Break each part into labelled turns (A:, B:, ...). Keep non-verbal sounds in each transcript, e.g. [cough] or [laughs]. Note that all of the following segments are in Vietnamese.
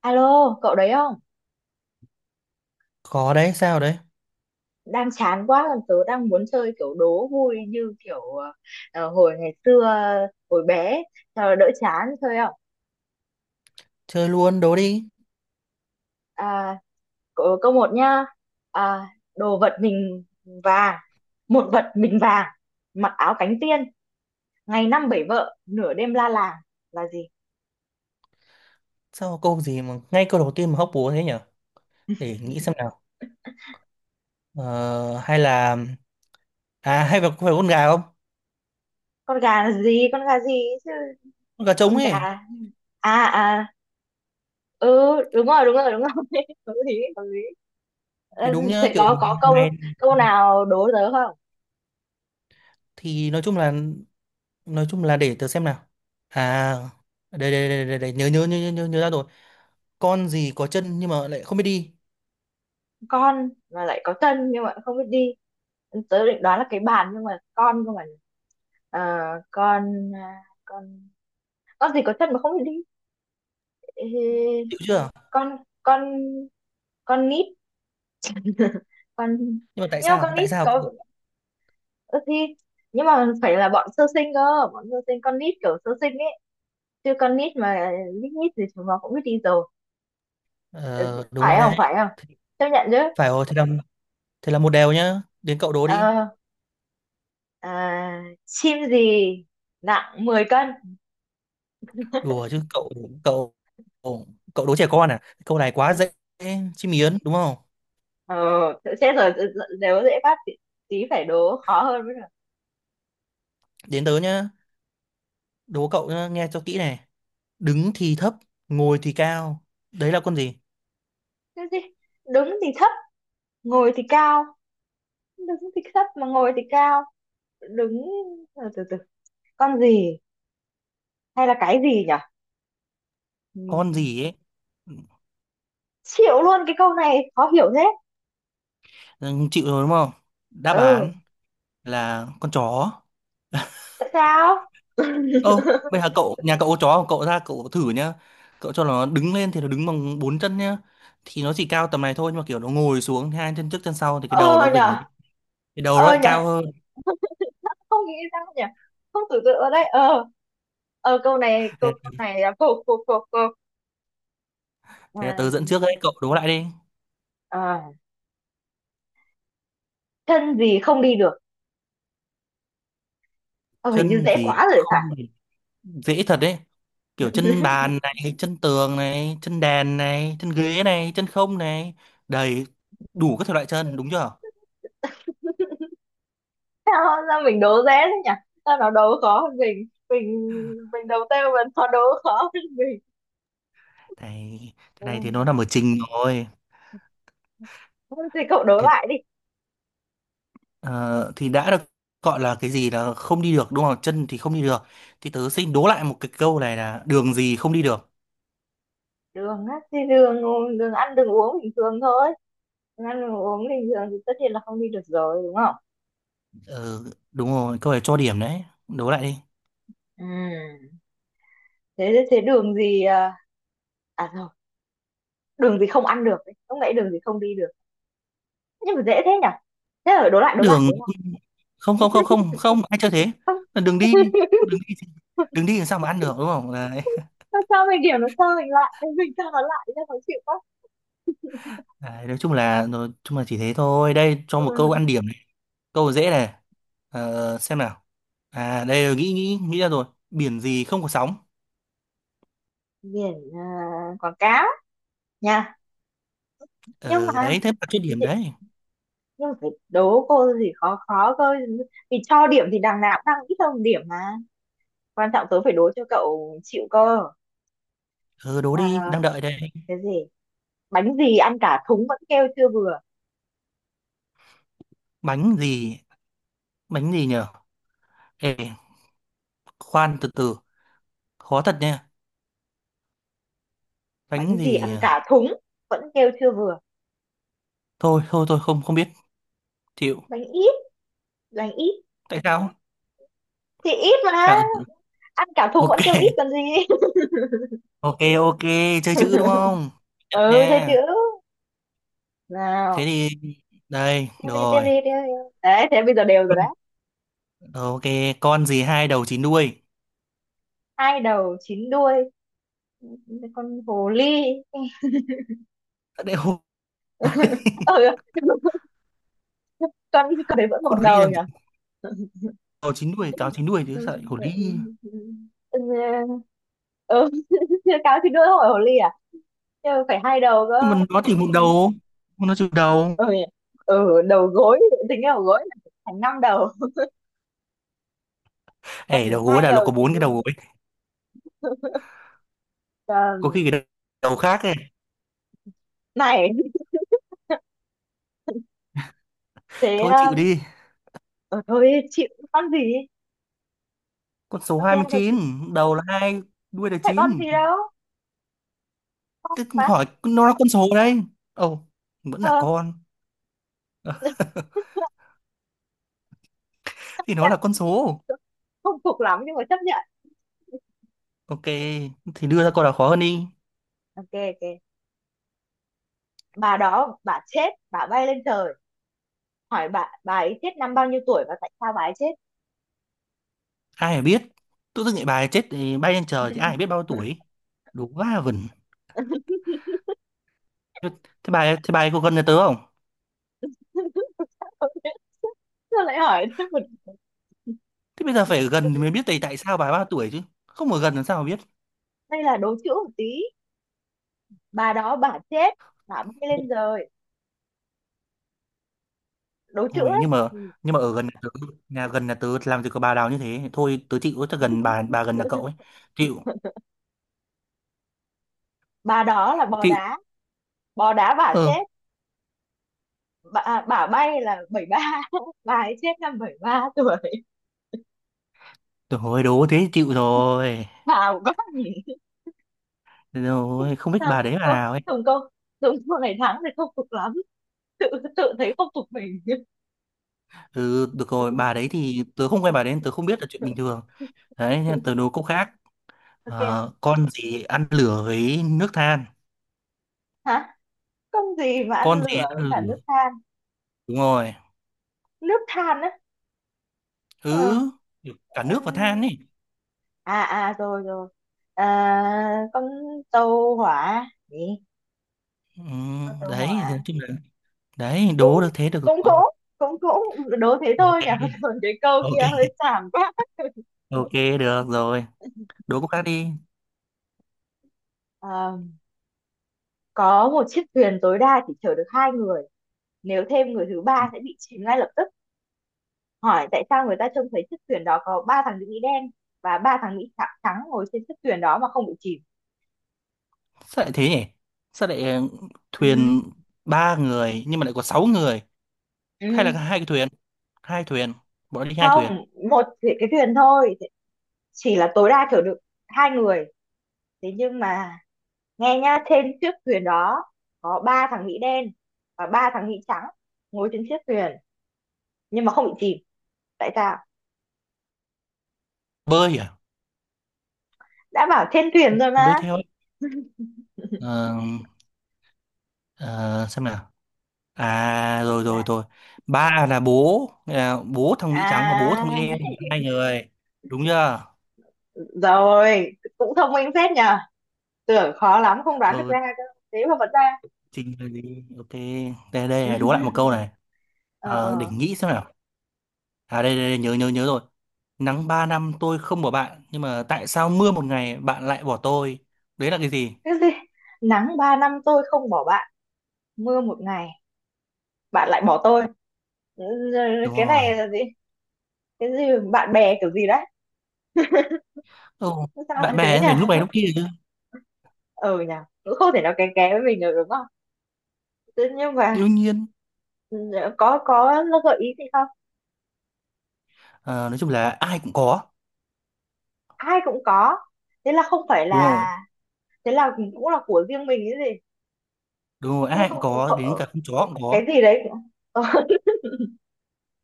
A: Alo, cậu đấy không?
B: Có đấy, sao đấy?
A: Đang chán quá, còn tớ đang muốn chơi kiểu đố vui như kiểu hồi ngày xưa, hồi bé, ấy, cho nó đỡ chán chơi không?
B: Chơi luôn, đố đi.
A: À, câu một nhá. À, Đồ vật mình vàng, một vật mình vàng, mặc áo cánh tiên, ngày năm bảy vợ, nửa đêm la làng là gì?
B: Sao câu gì mà ngay câu đầu tiên mà hóc búa thế nhở? Để nghĩ xem nào. Ờ, hay là hay là có phải con gà không?
A: Con gà là gì? Con gà gì chứ?
B: Con gà trống
A: Con gà.
B: ấy
A: à à ừ, đúng rồi, đúng rồi, đúng rồi. [laughs] Hợp lý, hợp lý. Ờ,
B: thì đúng nhá,
A: Thế
B: kiểu
A: có câu
B: ngày
A: câu nào đố tớ không?
B: thì nói chung là để tớ xem nào. À đây đây đây đây, đây. Nhớ, nhớ nhớ nhớ nhớ nhớ ra rồi. Con gì có chân nhưng mà lại không biết đi.
A: Con mà lại có chân nhưng mà không biết đi. Tớ định đoán là cái bàn nhưng mà con cơ mà. Ờ, con à, con gì có chân mà không biết đi? Ê,
B: Hiểu chưa?
A: con con con nít. Con.
B: Nhưng mà tại
A: Nhưng mà
B: sao?
A: con
B: Tại
A: nít
B: sao?
A: có ơ thì nhưng mà phải là bọn sơ sinh cơ, bọn sơ sinh con nít kiểu sơ sinh ấy, chứ con nít mà lít nhít thì chúng nó cũng biết đi rồi. Ừ,
B: Ờ, đúng rồi
A: phải không, phải
B: đấy.
A: không? Chấp nhận chứ?
B: Phải rồi, thế là một đều nhá. Đến cậu đố đi.
A: ờ Chim gì nặng 10 cân?
B: Đùa chứ cậu cậu cậu đố trẻ con à? Câu này quá dễ, chim miến đúng không?
A: ờ Chết rồi. Ừ, ừ, nếu dễ phát thì tí phải đố khó hơn mới được.
B: Đến tớ nhá, đố cậu nhá, nghe cho kỹ này. Đứng thì thấp, ngồi thì cao, đấy là con gì?
A: Cái gì đứng thì thấp, ngồi thì cao? Đứng thì thấp mà ngồi thì cao. Đứng từ từ từ. Con gì, hay là cái gì nhỉ?
B: Con
A: Ừm,
B: gì ấy.
A: Chịu luôn, cái câu này khó hiểu thế.
B: Ừ, chịu rồi đúng không? Đáp
A: Ừ,
B: án là con chó.
A: tại sao? [laughs]
B: Ô, bây giờ cậu nhà cậu có chó không? Cậu ra cậu thử nhá, cậu cho nó đứng lên thì nó đứng bằng bốn chân nhá, thì nó chỉ cao tầm này thôi, nhưng mà kiểu nó ngồi xuống hai chân trước chân sau thì cái đầu nó
A: Ờ
B: vỉnh
A: nhở.
B: lên. Cái đầu nó
A: Ờ
B: lại
A: nhỉ,
B: cao hơn.
A: không nghĩ ra nhỉ. Không tưởng tượng ở đây ờ Câu này, câu
B: thế,
A: câu này là cô, cô, cô, cô. Ờ,
B: thế tớ dẫn trước đấy, cậu đố lại đi.
A: ờ, Chân gì không đi được? Ờ, Hình như
B: Chân
A: dễ
B: gì
A: quá rồi phải.
B: không thì dễ thật đấy, kiểu chân bàn này, chân tường này, chân đèn này, chân ghế này, chân không này, đầy đủ các thể loại chân đúng chưa.
A: [laughs] Sao mình đố dễ thế nhỉ? Sao nó đố khó hơn mình? Mình đầu tiên mà nó đố khó hơn mình.
B: Này cái
A: Ừ.
B: này thì nó nằm ở trình rồi.
A: Thôi thì cậu đố
B: thì,
A: lại đi.
B: ờ, thì đã được gọi là cái gì là không đi được đúng không, chân thì không đi được, thì tớ xin đố lại một cái câu này là đường gì không đi được.
A: Đường á? Thì đường, đường ăn đường uống bình thường thôi. Đường ăn đường uống bình thường thì tất nhiên là không đi được rồi, đúng không?
B: Ừ, đúng rồi, câu này cho điểm đấy, đố lại đi.
A: Ừ. Thế thế đường gì? Rồi, đường gì không ăn được ấy. Lúc nãy đường gì không đi được, nhưng mà dễ thế nhỉ. Thế là đố lại, đố lại, đố
B: Đường
A: lại.
B: không không không không không, ai chơi thế, là đường đi.
A: [laughs]
B: Đường đi, đường đi làm sao mà ăn được đúng không? Đấy.
A: Sao cho mình điểm nó cho mình lại? [laughs] Mình cho nó lại cho khó chịu quá.
B: Đấy, nói chung là chỉ thế thôi. Đây cho một câu
A: Ừ.
B: ăn điểm này. Câu dễ này. Ờ, xem nào. À đây, nghĩ nghĩ nghĩ ra rồi. Biển gì không có sóng?
A: Biển à? Quảng cáo nha. nhưng
B: Ờ
A: mà
B: đấy thế mà chút điểm
A: chị-
B: đấy.
A: nhưng mà phải đố cô gì khó khó cơ. Vì cho điểm thì đằng nào cũng đang ít hơn điểm mà, quan trọng tớ phải đố cho cậu chịu cơ.
B: Ờ đố đi, đang
A: À,
B: đợi đây.
A: cái gì Bánh gì ăn cả thúng vẫn kêu chưa vừa?
B: Bánh gì? Bánh gì nhở? Ê, khoan từ từ. Khó thật nha.
A: Bánh
B: Bánh
A: gì
B: gì
A: ăn
B: nhở?
A: cả thúng vẫn kêu chưa vừa?
B: Thôi thôi thôi, không không biết. Chịu.
A: Bánh ít. Bánh ít.
B: Tại sao?
A: Thì ít mà,
B: À ừ.
A: ăn cả thùng
B: Ok.
A: vẫn kêu ít
B: [laughs]
A: còn gì. [laughs]
B: Ok ok, chơi chữ đúng không? Nhận
A: Ừ, thế chữ
B: nha. Thế
A: nào?
B: thì đây,
A: Tiếp
B: được
A: đi, tiếp
B: rồi.
A: đi, tiếp đi. Đấy, thế bây giờ đều rồi đấy.
B: Ờ, ok, con gì hai đầu chín đuôi?
A: Hai đầu chín đuôi. Con hồ ly.
B: Sao lại hổ?
A: [laughs] Ừ, con con đấy vẫn một
B: Con hổ đi
A: đầu
B: làm
A: nhỉ.
B: gì? Đầu chín đuôi, cáo chín đuôi chứ
A: Ừ,
B: sợ hổ đi.
A: ừ. [laughs] Cáo chín đuôi hỏi hồ ly à? Nhưng mà phải hai đầu
B: Nhưng mà
A: cơ.
B: nó chỉ một đầu, nó chịu đầu.
A: Ừ, nhỉ? Ừ, đầu gối. Tính cái đầu gối là thành năm đầu. Con
B: Ê,
A: phải
B: đầu gối
A: hai
B: là nó
A: đầu
B: có
A: thì
B: bốn cái đầu
A: đuôi.
B: gối.
A: Ờ,
B: Có khi cái đầu đầu khác ấy.
A: Này, thế
B: Thôi chịu đi,
A: ờ, thôi chịu. Con gì?
B: con số
A: Con gì,
B: hai mươi
A: hay con
B: chín
A: gì?
B: đầu là hai, đuôi là
A: Phải con
B: chín,
A: gì đâu, con
B: tức
A: mà.
B: hỏi nó là con số đấy. Ồ, vẫn là
A: ờ
B: con,
A: Chấp
B: thì nó là con
A: nhận.
B: số.
A: Không phục lắm nhưng mà chấp nhận.
B: Ok, thì đưa ra câu nào khó hơn đi.
A: Ok, ok. Bà đó bà chết, bà bay lên trời, hỏi bà ấy chết năm bao nhiêu tuổi và tại sao bà ấy chết?
B: Ai mà biết, tự dưng lại bài chết thì bay lên trời thì ai mà biết bao tuổi, đúng quá vẩn. Thế thế bà ấy có gần nhà tớ không?
A: [laughs] Tôi lại hỏi thêm một.
B: Thế bây giờ phải ở gần thì mới biết tại tại sao bà ấy bao tuổi chứ. Không ở gần làm sao mà biết.
A: Đây là đố chữ một tí, bà đó bà chết, bà bay lên trời, đố chữ
B: Thôi
A: ấy.
B: nhưng mà
A: Ừ.
B: nhưng mà ở gần nhà tớ, nhà gần nhà tớ làm gì có bà nào như thế. Thôi tớ chịu, tớ gần bà gần nhà cậu
A: [laughs]
B: ấy. Chịu,
A: Bà đó là bò
B: chịu.
A: đá. Bò đá bà
B: Ừ.
A: chết. Bà bay là bảy ba. [laughs] Bà ấy chết năm 73 tuổi.
B: Thôi đố thế thì chịu rồi.
A: Bà quá nhỉ.
B: Rồi không biết
A: Thằng,
B: bà đấy bà
A: cô,
B: nào ấy.
A: Tùng cô, đúng cô ngày tháng thì không phục lắm. Tự, tự thấy không phục mình.
B: Ừ được rồi, bà đấy
A: [laughs]
B: thì tớ không quen bà đấy, tớ không biết là chuyện bình thường. Đấy, nên tớ đố câu khác.
A: Ok.
B: Ờ, con gì ăn lửa với nước than?
A: Hả? Công gì mà ăn
B: Con gì
A: lửa với
B: ăn
A: cả
B: lửa?
A: nước than?
B: Đúng rồi.
A: Nước than á? Ờ.
B: Ừ, cả nước và than
A: ừm,
B: ấy.
A: À, à, rồi, rồi. Con tàu hỏa. Gì?
B: Ừ,
A: Con tàu hỏa.
B: đấy thì nói chung là đấy,
A: Cũng,
B: đố được thế được
A: cũng,
B: rồi.
A: cũng, cũng. Đố thế thôi
B: Ok
A: nhỉ? [laughs] Còn cái câu kia
B: ok
A: hơi xàm quá.
B: ok, được rồi, đố cô khác đi.
A: Ờ, có một chiếc thuyền tối đa chỉ chở được hai người. Nếu thêm người thứ
B: Ừ,
A: ba sẽ bị chìm ngay lập tức. Hỏi tại sao người ta trông thấy chiếc thuyền đó có ba thằng nữ Mỹ đen và ba thằng Mỹ trắng ngồi trên chiếc thuyền đó mà không bị chìm?
B: sao lại thế nhỉ? Sao lại
A: Ừ,
B: thuyền ba người nhưng mà lại có sáu người, hay là
A: ừ.
B: hai cái thuyền, hai thuyền, bọn nó đi hai thuyền,
A: Không, một cái thuyền thôi, chỉ là tối đa chở được hai người. Thế nhưng mà nghe nhá, trên chiếc thuyền đó có ba thằng Mỹ đen và ba thằng Mỹ trắng ngồi trên chiếc thuyền nhưng mà không bị chìm. Tại sao?
B: bơi à?
A: Đã bảo trên thuyền rồi
B: Nó
A: mà.
B: bơi theo ấy. Ờ, ờ, xem nào. À rồi
A: mà
B: rồi rồi, ba là bố, là bố thằng Mỹ trắng và bố thằng Mỹ
A: à
B: đen, hai người, đúng chưa?
A: Rồi. Cũng thông minh phết nhờ. Tưởng khó lắm không đoán được
B: Ừ.
A: ra cơ, thế mà vẫn ra.
B: Trình bày đi. Ok. Đây đây
A: [laughs]
B: này, đố lại một câu này.
A: ờ
B: Ờ, để
A: ờ
B: nghĩ xem nào. À đây, đây đây nhớ nhớ nhớ rồi. Nắng 3 năm tôi không bỏ bạn, nhưng mà tại sao mưa một ngày bạn lại bỏ tôi? Đấy là cái gì?
A: cái gì? Nắng 3 năm tôi không bỏ bạn, mưa 1 ngày bạn lại bỏ tôi. Ừ,
B: Đúng
A: cái
B: rồi.
A: này là gì? Cái gì? Bạn bè kiểu gì đấy?
B: Ồ,
A: Sao
B: bạn
A: lại thế
B: bè
A: nhỉ?
B: phải lúc này lúc
A: [laughs]
B: kia chứ.
A: Ừ nhỉ, cũng không thể nào kén kén với mình được, đúng không? Thế nhưng mà,
B: Đương nhiên.
A: ừ, có gợi ý gì không?
B: Ờ, nói chung là ai cũng có.
A: Ai cũng có? Thế là không phải
B: Đúng rồi.
A: là. Thế là cũng là của riêng mình cái gì?
B: Đúng rồi,
A: Chứ
B: ai cũng
A: không
B: có, đến
A: không-
B: cả con chó cũng
A: cái
B: có.
A: gì đấy. [laughs]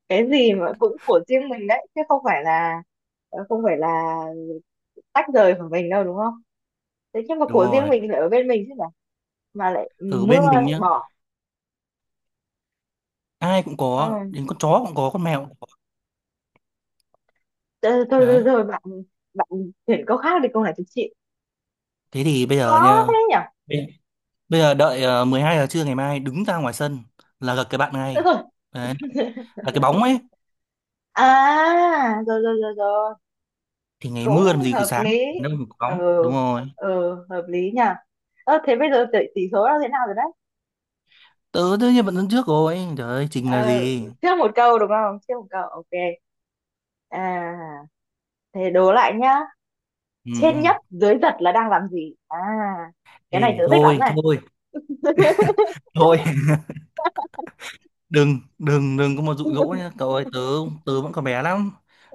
A: Cái gì mà cũng của riêng mình đấy, chứ không phải là, không phải là tách rời của mình đâu, đúng không? Thế nhưng mà
B: Đúng
A: của riêng
B: rồi.
A: mình lại ở bên mình chứ mà. Lại
B: Ở
A: mưa
B: bên
A: lại
B: mình nhá,
A: bỏ.
B: ai cũng có,
A: Ừ.
B: đến con chó cũng có, con mèo cũng có.
A: Thôi, thôi,
B: Đấy.
A: thôi, thôi bạn. bạn Chuyển câu khác đi, câu này tôi chịu.
B: Thế thì bây giờ
A: Khó
B: nha.
A: thế nhỉ.
B: Bây giờ đợi 12 giờ trưa ngày mai đứng ra ngoài sân là gặp cái bạn
A: Được
B: ngay.
A: rồi.
B: Đấy, là cái bóng ấy,
A: À rồi, rồi, rồi, rồi,
B: thì ngày
A: cũng
B: mưa làm gì có
A: hợp
B: sáng,
A: lý.
B: đâu mà có
A: Ừ,
B: bóng. Đúng rồi.
A: ừ, hợp lý nhỉ. Thế bây giờ tỷ số là thế nào rồi đấy?
B: Tớ tất nhiên vẫn đứng trước rồi. Trời ơi, Trình là
A: ờ,
B: gì?
A: Trước một câu đúng không? Trước một câu. Ok. à Thế đố lại nhá.
B: Ừ. Ừ.
A: Trên nhấp dưới giật là đang làm gì à? Cái này
B: Ê,
A: tớ thích lắm
B: thôi,
A: này.
B: thôi, thôi. [laughs] Đừng, đừng, đừng có mà dụ dỗ nhá. Cậu ơi, tớ vẫn còn bé lắm.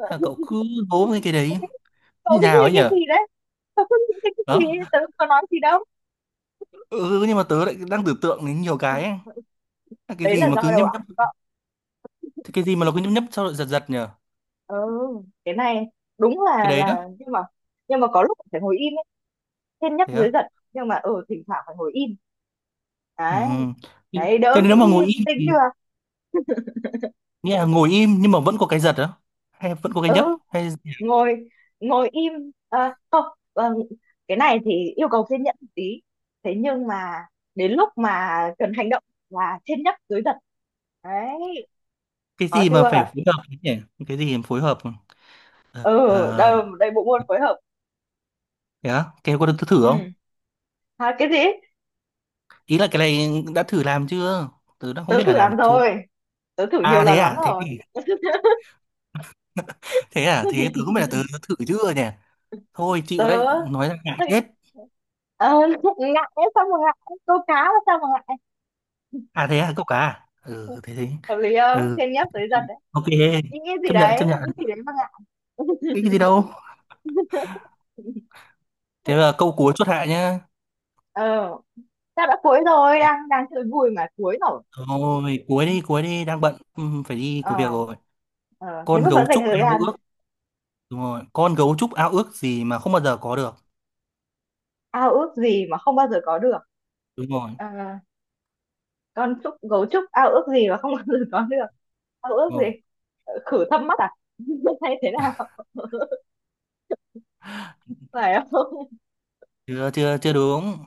B: Thế là cậu cứ hố với cái đấy.
A: [laughs] Cậu
B: Như
A: nghĩ
B: nào
A: về
B: ấy
A: cái
B: nhở?
A: gì đấy? Tớ không nghĩ đến cái gì,
B: Đó.
A: tớ không có nói gì đâu.
B: Ừ, ừ, nhưng mà tớ lại đang tưởng tượng đến nhiều cái ấy. Là cái
A: Đấy
B: gì
A: là
B: mà cứ
A: do đầu
B: nhấp
A: óc
B: nhấp,
A: của cậu.
B: cái gì mà nó cứ nhấp nhấp sau rồi giật giật nhở?
A: Ừ, cái này đúng
B: Cái
A: là
B: đấy đó.
A: nhưng mà, có lúc phải ngồi im ấy. Trên nhắc
B: Thế
A: dưới
B: á?
A: giật. Nhưng mà, ừ, thỉnh thoảng phải ngồi im
B: Ừ.
A: đấy,
B: Thế
A: đấy
B: thế
A: đỡ
B: nếu
A: nghĩ
B: mà ngồi
A: linh
B: im
A: tinh
B: thì
A: chưa.
B: nghĩa là ngồi im nhưng mà vẫn có cái giật á, hay vẫn có cái nhấp,
A: Ừ,
B: hay
A: ngồi ngồi im. Không ờ, cái này thì yêu cầu kiên nhẫn một tí. Thế nhưng mà đến lúc mà cần hành động là trên nhắc dưới giật đấy,
B: cái
A: có
B: gì mà phải
A: chưa?
B: phối hợp ấy nhỉ? Cái gì mà phối hợp? ờ
A: Ừ, đây
B: ờ,
A: đây, bộ môn phối hợp.
B: thế á, cái có được thử không?
A: Ừ. Cái gì?
B: Ý là cái này đã thử làm chưa, tớ đã không
A: Tớ
B: biết là
A: thử
B: làm
A: làm
B: chưa.
A: rồi, tớ thử nhiều
B: À thế
A: lần lắm
B: à, thế
A: rồi.
B: thì thế à, thế tớ không biết là tớ đã thử chưa nhỉ? Thôi chịu đấy,
A: tớ
B: nói ra ngại chết.
A: Ờ, [laughs] Ngại ấy, sao mà ngại? Câu cá mà sao mà ngại?
B: À thế à, cậu cả à? Ừ thế thế.
A: Hợp lý không?
B: Ừ,
A: Thiên nhấp tới giật đấy.
B: ok.
A: Ý nghĩ gì
B: Chấp nhận
A: đấy,
B: chấp
A: ý
B: nhận.
A: nghĩ gì đấy mà ngại? [laughs]
B: Cái gì đâu. Thế là câu cuối chốt hạ nhá.
A: ờ Sao đã cuối rồi? Đang đang chơi vui mà cuối rồi.
B: Thôi, cuối đi, đang bận, ừ, phải đi có việc
A: ờ
B: rồi.
A: ờ Thế
B: Con
A: mà vẫn
B: gấu
A: dành
B: trúc
A: thời
B: ao
A: gian.
B: ước, đúng rồi. Con gấu trúc ao ước gì mà không bao giờ có được.
A: Ao ước gì mà không bao giờ có được.
B: Đúng rồi,
A: Ờ, con trúc Gấu trúc ao ước gì mà không bao giờ có được? Ao ước
B: đúng
A: gì?
B: rồi.
A: Khử thâm mắt à? [laughs] Hay thế nào? [laughs] Phải không?
B: Chưa, chưa, chưa đúng.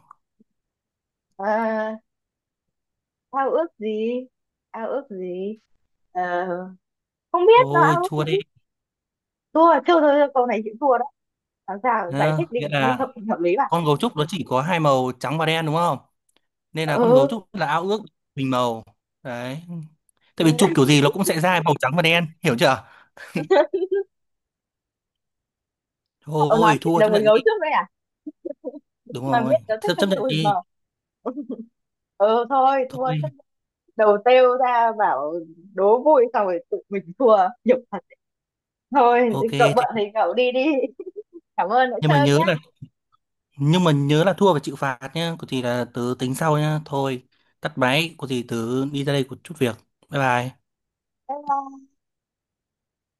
A: Ờ, Ao ước gì, ao ước gì? Ờ, Không biết nó
B: Ôi,
A: ao ước
B: chua
A: gì.
B: đi.
A: Thua, thua thôi, thôi, câu này chịu thua đó. Làm sao giải
B: Nhá,
A: thích
B: nghĩa
A: định nghĩa
B: là
A: hợp hợp lý mà.
B: con gấu trúc nó chỉ có hai màu trắng và đen đúng không? Nên là con gấu
A: Ừ.
B: trúc là ao ước bình màu. Đấy. Tại vì chụp kiểu
A: [laughs]
B: gì nó cũng sẽ ra màu trắng và đen, hiểu chưa?
A: Cậu nói
B: Thôi,
A: chuyện
B: thua
A: đồng
B: chấp
A: với
B: nhận
A: gấu
B: đi.
A: trước đây à?
B: Đúng
A: Mà
B: rồi,
A: biết nó thích
B: chấp
A: con
B: chấp nhận
A: chùi mà.
B: đi.
A: Ừ, thôi thua chắc.
B: Thôi,
A: Đầu têu ra bảo đố vui xong rồi tự mình thua, nhục thật. Thôi
B: ok.
A: cậu bận thì
B: Thì...
A: cậu đi đi. [laughs] Cảm ơn đã
B: Nhưng mà
A: chơi
B: nhớ
A: nhá.
B: là nhưng mà nhớ là thua phải chịu phạt nhá, có gì là tớ tính sau nhá, thôi tắt máy, có gì tớ đi ra đây có chút việc, bye bye.
A: Bye bye.